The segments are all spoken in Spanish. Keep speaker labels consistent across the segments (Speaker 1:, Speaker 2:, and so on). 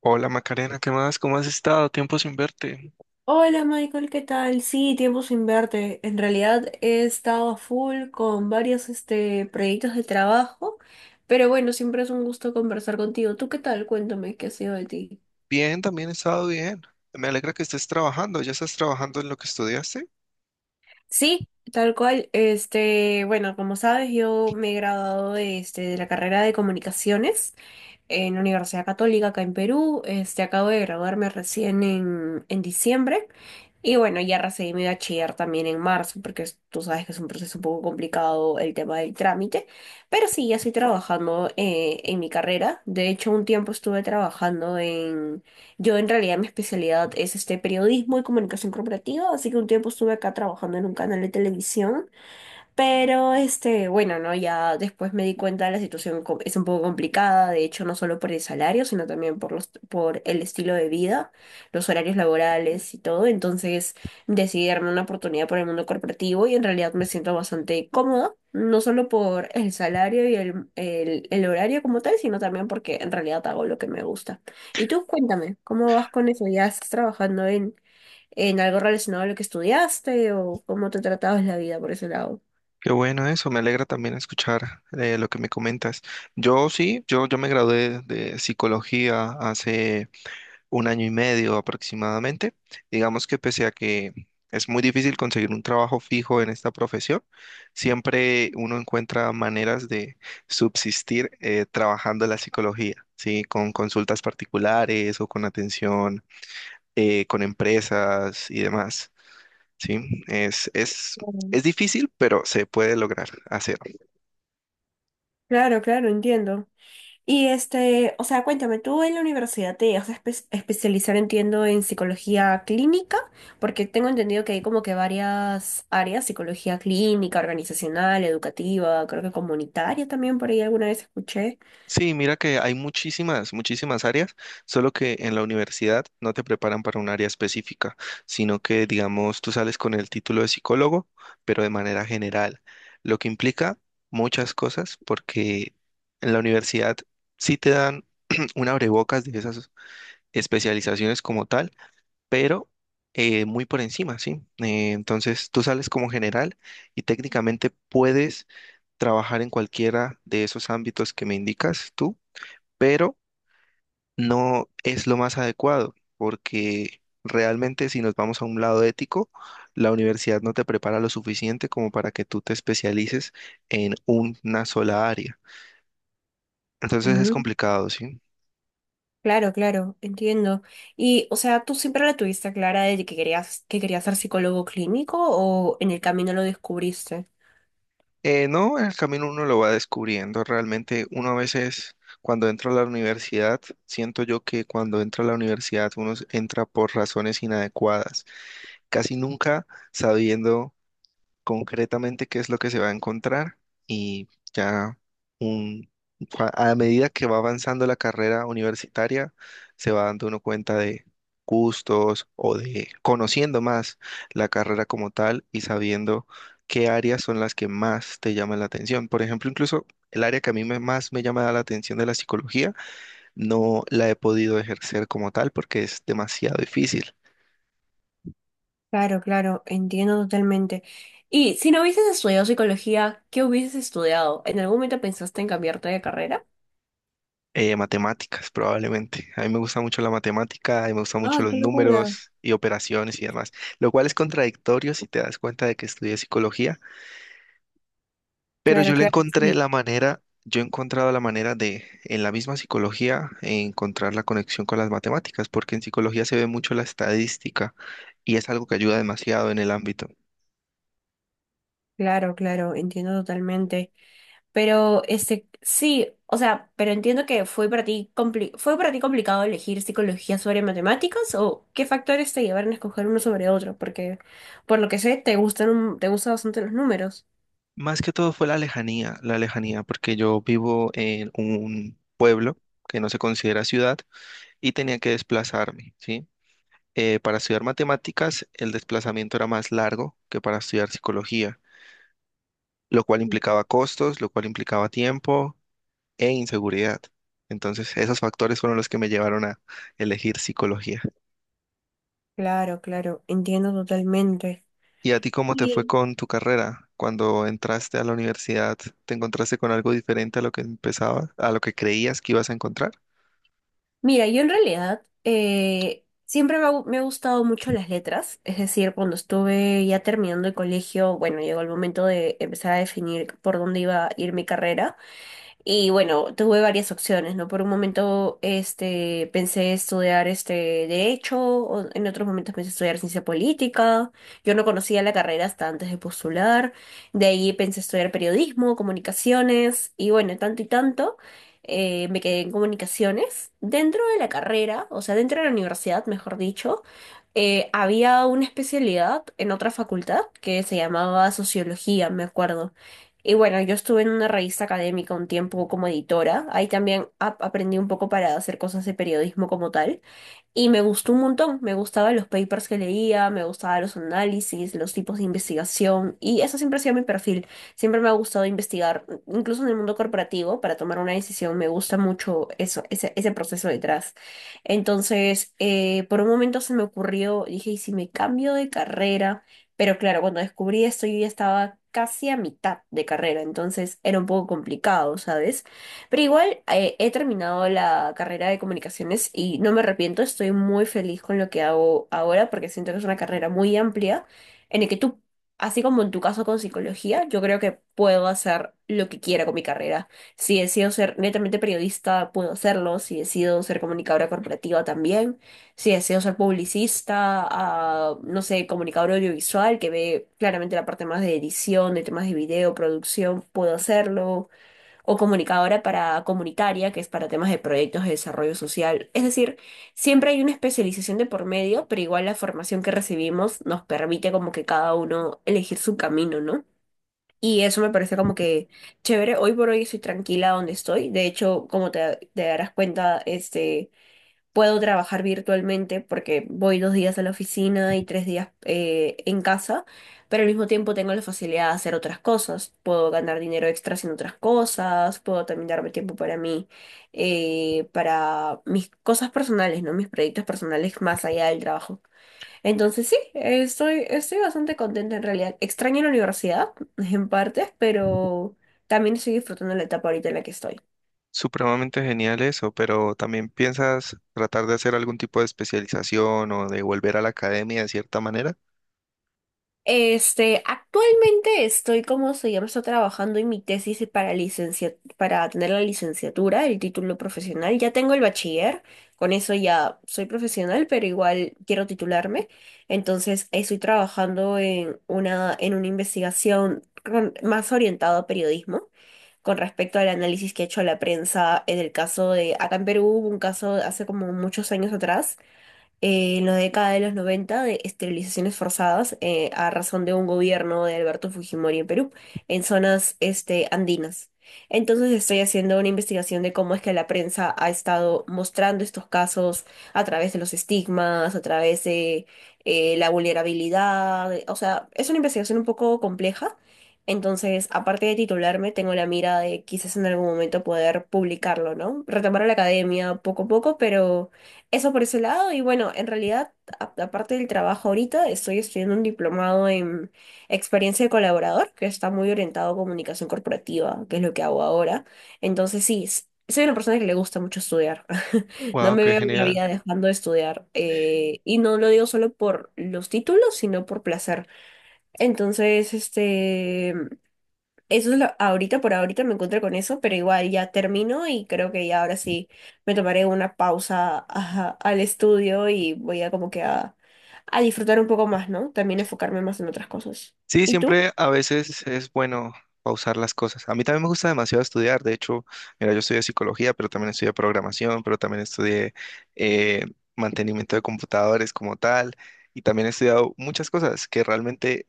Speaker 1: Hola Macarena, ¿qué más? ¿Cómo has estado? Tiempo sin verte.
Speaker 2: Hola Michael, ¿qué tal? Sí, tiempo sin verte. En realidad he estado a full con varios proyectos de trabajo, pero bueno, siempre es un gusto conversar contigo. ¿Tú qué tal? Cuéntame, ¿qué ha sido de ti?
Speaker 1: Bien, también he estado bien. Me alegra que estés trabajando. ¿Ya estás trabajando en lo que estudiaste?
Speaker 2: Sí, tal cual, bueno, como sabes, yo me he graduado de la carrera de comunicaciones en la Universidad Católica acá en Perú. Acabo de graduarme recién en diciembre. Y bueno, ya recibí mi bachiller también en marzo, porque tú sabes que es un proceso un poco complicado el tema del trámite, pero sí, ya estoy trabajando en mi carrera. De hecho, un tiempo estuve trabajando. Yo en realidad mi especialidad es periodismo y comunicación corporativa, así que un tiempo estuve acá trabajando en un canal de televisión. Pero bueno, ¿no? Ya después me di cuenta de la situación, es un poco complicada. De hecho, no solo por el salario, sino también por el estilo de vida, los horarios laborales y todo. Entonces decidí darme una oportunidad por el mundo corporativo y en realidad me siento bastante cómoda, no solo por el salario y el horario como tal, sino también porque en realidad hago lo que me gusta. Y tú, cuéntame, ¿cómo vas con eso? ¿Ya estás trabajando en algo relacionado a lo que estudiaste o cómo te tratabas la vida por ese lado?
Speaker 1: Qué bueno eso, me alegra también escuchar lo que me comentas. Yo me gradué de psicología hace un año y medio aproximadamente. Digamos que pese a que es muy difícil conseguir un trabajo fijo en esta profesión, siempre uno encuentra maneras de subsistir trabajando la psicología, ¿sí? Con consultas particulares o con atención con empresas y demás, ¿sí? Es, es,
Speaker 2: Mm.
Speaker 1: es difícil, pero se puede lograr hacer.
Speaker 2: Claro, claro, entiendo. Y o sea, cuéntame, tú en la universidad te vas a especializar, entiendo, en psicología clínica, porque tengo entendido que hay como que varias áreas: psicología clínica, organizacional, educativa, creo que comunitaria también, por ahí alguna vez escuché.
Speaker 1: Sí, mira que hay muchísimas áreas, solo que en la universidad no te preparan para un área específica, sino que, digamos, tú sales con el título de psicólogo, pero de manera general, lo que implica muchas cosas, porque en la universidad sí te dan un abrebocas de esas especializaciones como tal, pero muy por encima, ¿sí? Entonces tú sales como general y técnicamente puedes trabajar en cualquiera de esos ámbitos que me indicas tú, pero no es lo más adecuado, porque realmente si nos vamos a un lado ético, la universidad no te prepara lo suficiente como para que tú te especialices en una sola área. Entonces es
Speaker 2: Mm,
Speaker 1: complicado, ¿sí?
Speaker 2: claro, claro, entiendo. Y, o sea, ¿tú siempre la tuviste clara de que querías ser psicólogo clínico o en el camino lo descubriste?
Speaker 1: No, en el camino uno lo va descubriendo. Realmente uno a veces, cuando entra a la universidad, siento yo que cuando entra a la universidad entra por razones inadecuadas, casi nunca sabiendo concretamente qué es lo que se va a encontrar y ya un, a medida que va avanzando la carrera universitaria, se va dando uno cuenta de gustos o de conociendo más la carrera como tal y sabiendo qué áreas son las que más te llaman la atención. Por ejemplo, incluso el área que a más me llama la atención de la psicología, no la he podido ejercer como tal porque es demasiado difícil.
Speaker 2: Claro, claro, entiendo totalmente. Y si no hubieses estudiado psicología, ¿qué hubieses estudiado? ¿En algún momento pensaste en cambiarte de carrera?
Speaker 1: Matemáticas, probablemente. A mí me gusta mucho la matemática, y me gustan mucho
Speaker 2: Ah,
Speaker 1: los
Speaker 2: qué locura.
Speaker 1: números y operaciones y demás, lo cual es contradictorio si te das cuenta de que estudié psicología, pero yo
Speaker 2: Claro,
Speaker 1: le
Speaker 2: claro,
Speaker 1: encontré
Speaker 2: sí.
Speaker 1: la manera, yo he encontrado la manera de, en la misma psicología, encontrar la conexión con las matemáticas, porque en psicología se ve mucho la estadística y es algo que ayuda demasiado en el ámbito.
Speaker 2: Claro, claro, entiendo totalmente. Pero sí, o sea, pero entiendo que fue para ti fue para ti complicado elegir psicología sobre matemáticas o qué factores te llevaron a escoger uno sobre otro, porque por lo que sé te gustan bastante los números.
Speaker 1: Más que todo fue la lejanía, porque yo vivo en un pueblo que no se considera ciudad y tenía que desplazarme, ¿sí? Para estudiar matemáticas, el desplazamiento era más largo que para estudiar psicología, lo cual implicaba costos, lo cual implicaba tiempo e inseguridad. Entonces, esos factores fueron los que me llevaron a elegir psicología.
Speaker 2: Claro, claro, entiendo totalmente.
Speaker 1: ¿Y a ti cómo te fue con tu carrera? Cuando entraste a la universidad, ¿te encontraste con algo diferente a lo que empezabas, a lo que creías que ibas a encontrar?
Speaker 2: Mira, yo en realidad siempre me ha gustado mucho las letras. Es decir, cuando estuve ya terminando el colegio, bueno, llegó el momento de empezar a definir por dónde iba a ir mi carrera. Y bueno, tuve varias opciones, ¿no? Por un momento pensé estudiar derecho, o en otros momentos pensé estudiar ciencia política. Yo no conocía la carrera hasta antes de postular. De ahí pensé estudiar periodismo, comunicaciones y bueno, tanto y tanto. Me quedé en comunicaciones. Dentro de la carrera, o sea, dentro de la universidad, mejor dicho, había una especialidad en otra facultad que se llamaba sociología, me acuerdo. Y bueno, yo estuve en una revista académica un tiempo como editora. Ahí también aprendí un poco para hacer cosas de periodismo como tal. Y me gustó un montón, me gustaban los papers que leía, me gustaban los análisis, los tipos de investigación, y eso siempre ha sido mi perfil. Siempre me ha gustado investigar, incluso en el mundo corporativo, para tomar una decisión, me gusta mucho eso, ese proceso detrás. Entonces, por un momento se me ocurrió, dije, ¿y si me cambio de carrera? Pero claro, cuando descubrí esto, yo ya estaba casi a mitad de carrera, entonces era un poco complicado, ¿sabes? Pero igual he terminado la carrera de comunicaciones y no me arrepiento. Estoy muy feliz con lo que hago ahora porque siento que es una carrera muy amplia en el que tú, así como en tu caso con psicología, yo creo que puedo hacer lo que quiera con mi carrera. Si decido ser netamente periodista, puedo hacerlo. Si decido ser comunicadora corporativa también. Si deseo ser publicista, ah, no sé, comunicador audiovisual, que ve claramente la parte más de edición, de temas de video, producción, puedo hacerlo, o comunicadora para comunitaria, que es para temas de proyectos de desarrollo social. Es decir, siempre hay una especialización de por medio, pero igual la formación que recibimos nos permite como que cada uno elegir su camino, ¿no? Y eso me parece como que chévere. Hoy por hoy estoy tranquila donde estoy. De hecho, como te darás cuenta, puedo trabajar virtualmente porque voy 2 días a la oficina y 3 días en casa, pero al mismo tiempo tengo la facilidad de hacer otras cosas. Puedo ganar dinero extra haciendo otras cosas, puedo también darme tiempo para mí, para mis cosas personales, ¿no? Mis proyectos personales más allá del trabajo. Entonces sí, estoy bastante contenta en realidad. Extraño la universidad en partes, pero también estoy disfrutando la etapa ahorita en la que estoy.
Speaker 1: Supremamente genial eso, pero también piensas tratar de hacer algún tipo de especialización o de volver a la academia de cierta manera.
Speaker 2: Actualmente estoy, como se llama, estoy trabajando en mi tesis y para licencia, para tener la licenciatura, el título profesional. Ya tengo el bachiller, con eso ya soy profesional, pero igual quiero titularme. Entonces, estoy trabajando en una investigación, más orientada a periodismo con respecto al análisis que ha hecho la prensa en el caso de, acá en Perú hubo un caso hace como muchos años atrás, en la década de los noventa, de esterilizaciones forzadas, a razón de un gobierno de Alberto Fujimori en Perú, en zonas andinas. Entonces estoy haciendo una investigación de cómo es que la prensa ha estado mostrando estos casos a través de los estigmas, a través de la vulnerabilidad. O sea, es una investigación un poco compleja. Entonces, aparte de titularme, tengo la mira de quizás en algún momento poder publicarlo, ¿no? Retomar a la academia poco a poco, pero eso por ese lado. Y bueno, en realidad, aparte del trabajo ahorita, estoy estudiando un diplomado en experiencia de colaborador, que está muy orientado a comunicación corporativa, que es lo que hago ahora. Entonces, sí, soy una persona que le gusta mucho estudiar. No
Speaker 1: Wow,
Speaker 2: me
Speaker 1: qué
Speaker 2: veo una
Speaker 1: genial.
Speaker 2: vida dejando de estudiar. Y no lo digo solo por los títulos, sino por placer. Entonces. Eso es lo, ahorita por ahorita me encuentro con eso, pero igual ya termino y creo que ya ahora sí me tomaré una pausa, ajá, al estudio y voy a como que a disfrutar un poco más, ¿no? También enfocarme más en otras cosas.
Speaker 1: Sí,
Speaker 2: ¿Y tú?
Speaker 1: siempre a veces es bueno pausar las cosas. A mí también me gusta demasiado estudiar. De hecho, mira, yo estudié psicología, pero también estudié programación, pero también estudié eh, mantenimiento de computadores como tal. Y también he estudiado muchas cosas que realmente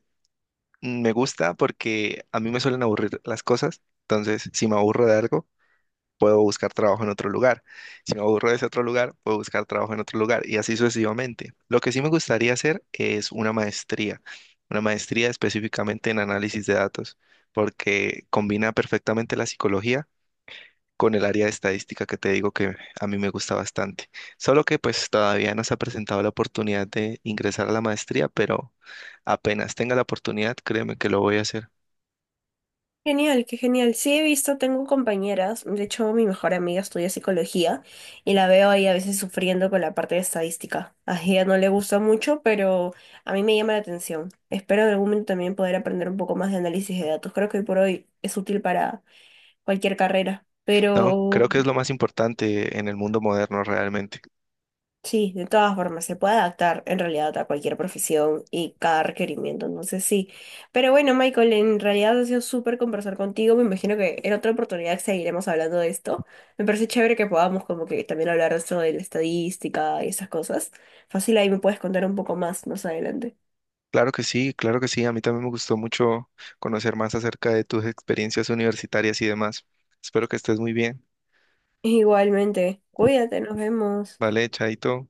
Speaker 1: me gusta porque a mí me suelen aburrir las cosas. Entonces, si me aburro de algo, puedo buscar trabajo en otro lugar. Si me aburro de ese otro lugar, puedo buscar trabajo en otro lugar y así sucesivamente. Lo que sí me gustaría hacer es una maestría específicamente en análisis de datos, porque combina perfectamente la psicología con el área de estadística que te digo que a mí me gusta bastante. Solo que pues todavía no se ha presentado la oportunidad de ingresar a la maestría, pero apenas tenga la oportunidad, créeme que lo voy a hacer.
Speaker 2: Genial, qué genial. Sí, he visto, tengo compañeras, de hecho mi mejor amiga estudia psicología y la veo ahí a veces sufriendo con la parte de estadística. A ella no le gusta mucho, pero a mí me llama la atención. Espero en algún momento también poder aprender un poco más de análisis de datos. Creo que hoy por hoy es útil para cualquier carrera.
Speaker 1: No,
Speaker 2: Pero
Speaker 1: creo que es lo más importante en el mundo moderno realmente.
Speaker 2: sí, de todas formas, se puede adaptar en realidad a cualquier profesión y cada requerimiento, entonces sí. Pero bueno, Michael, en realidad ha sido súper conversar contigo. Me imagino que en otra oportunidad seguiremos hablando de esto. Me parece chévere que podamos como que también hablar de esto de la estadística y esas cosas. Fácil, ahí me puedes contar un poco más, más adelante.
Speaker 1: Claro que sí, claro que sí. A mí también me gustó mucho conocer más acerca de tus experiencias universitarias y demás. Espero que estés muy bien.
Speaker 2: Igualmente, cuídate, nos vemos.
Speaker 1: Vale, chaito.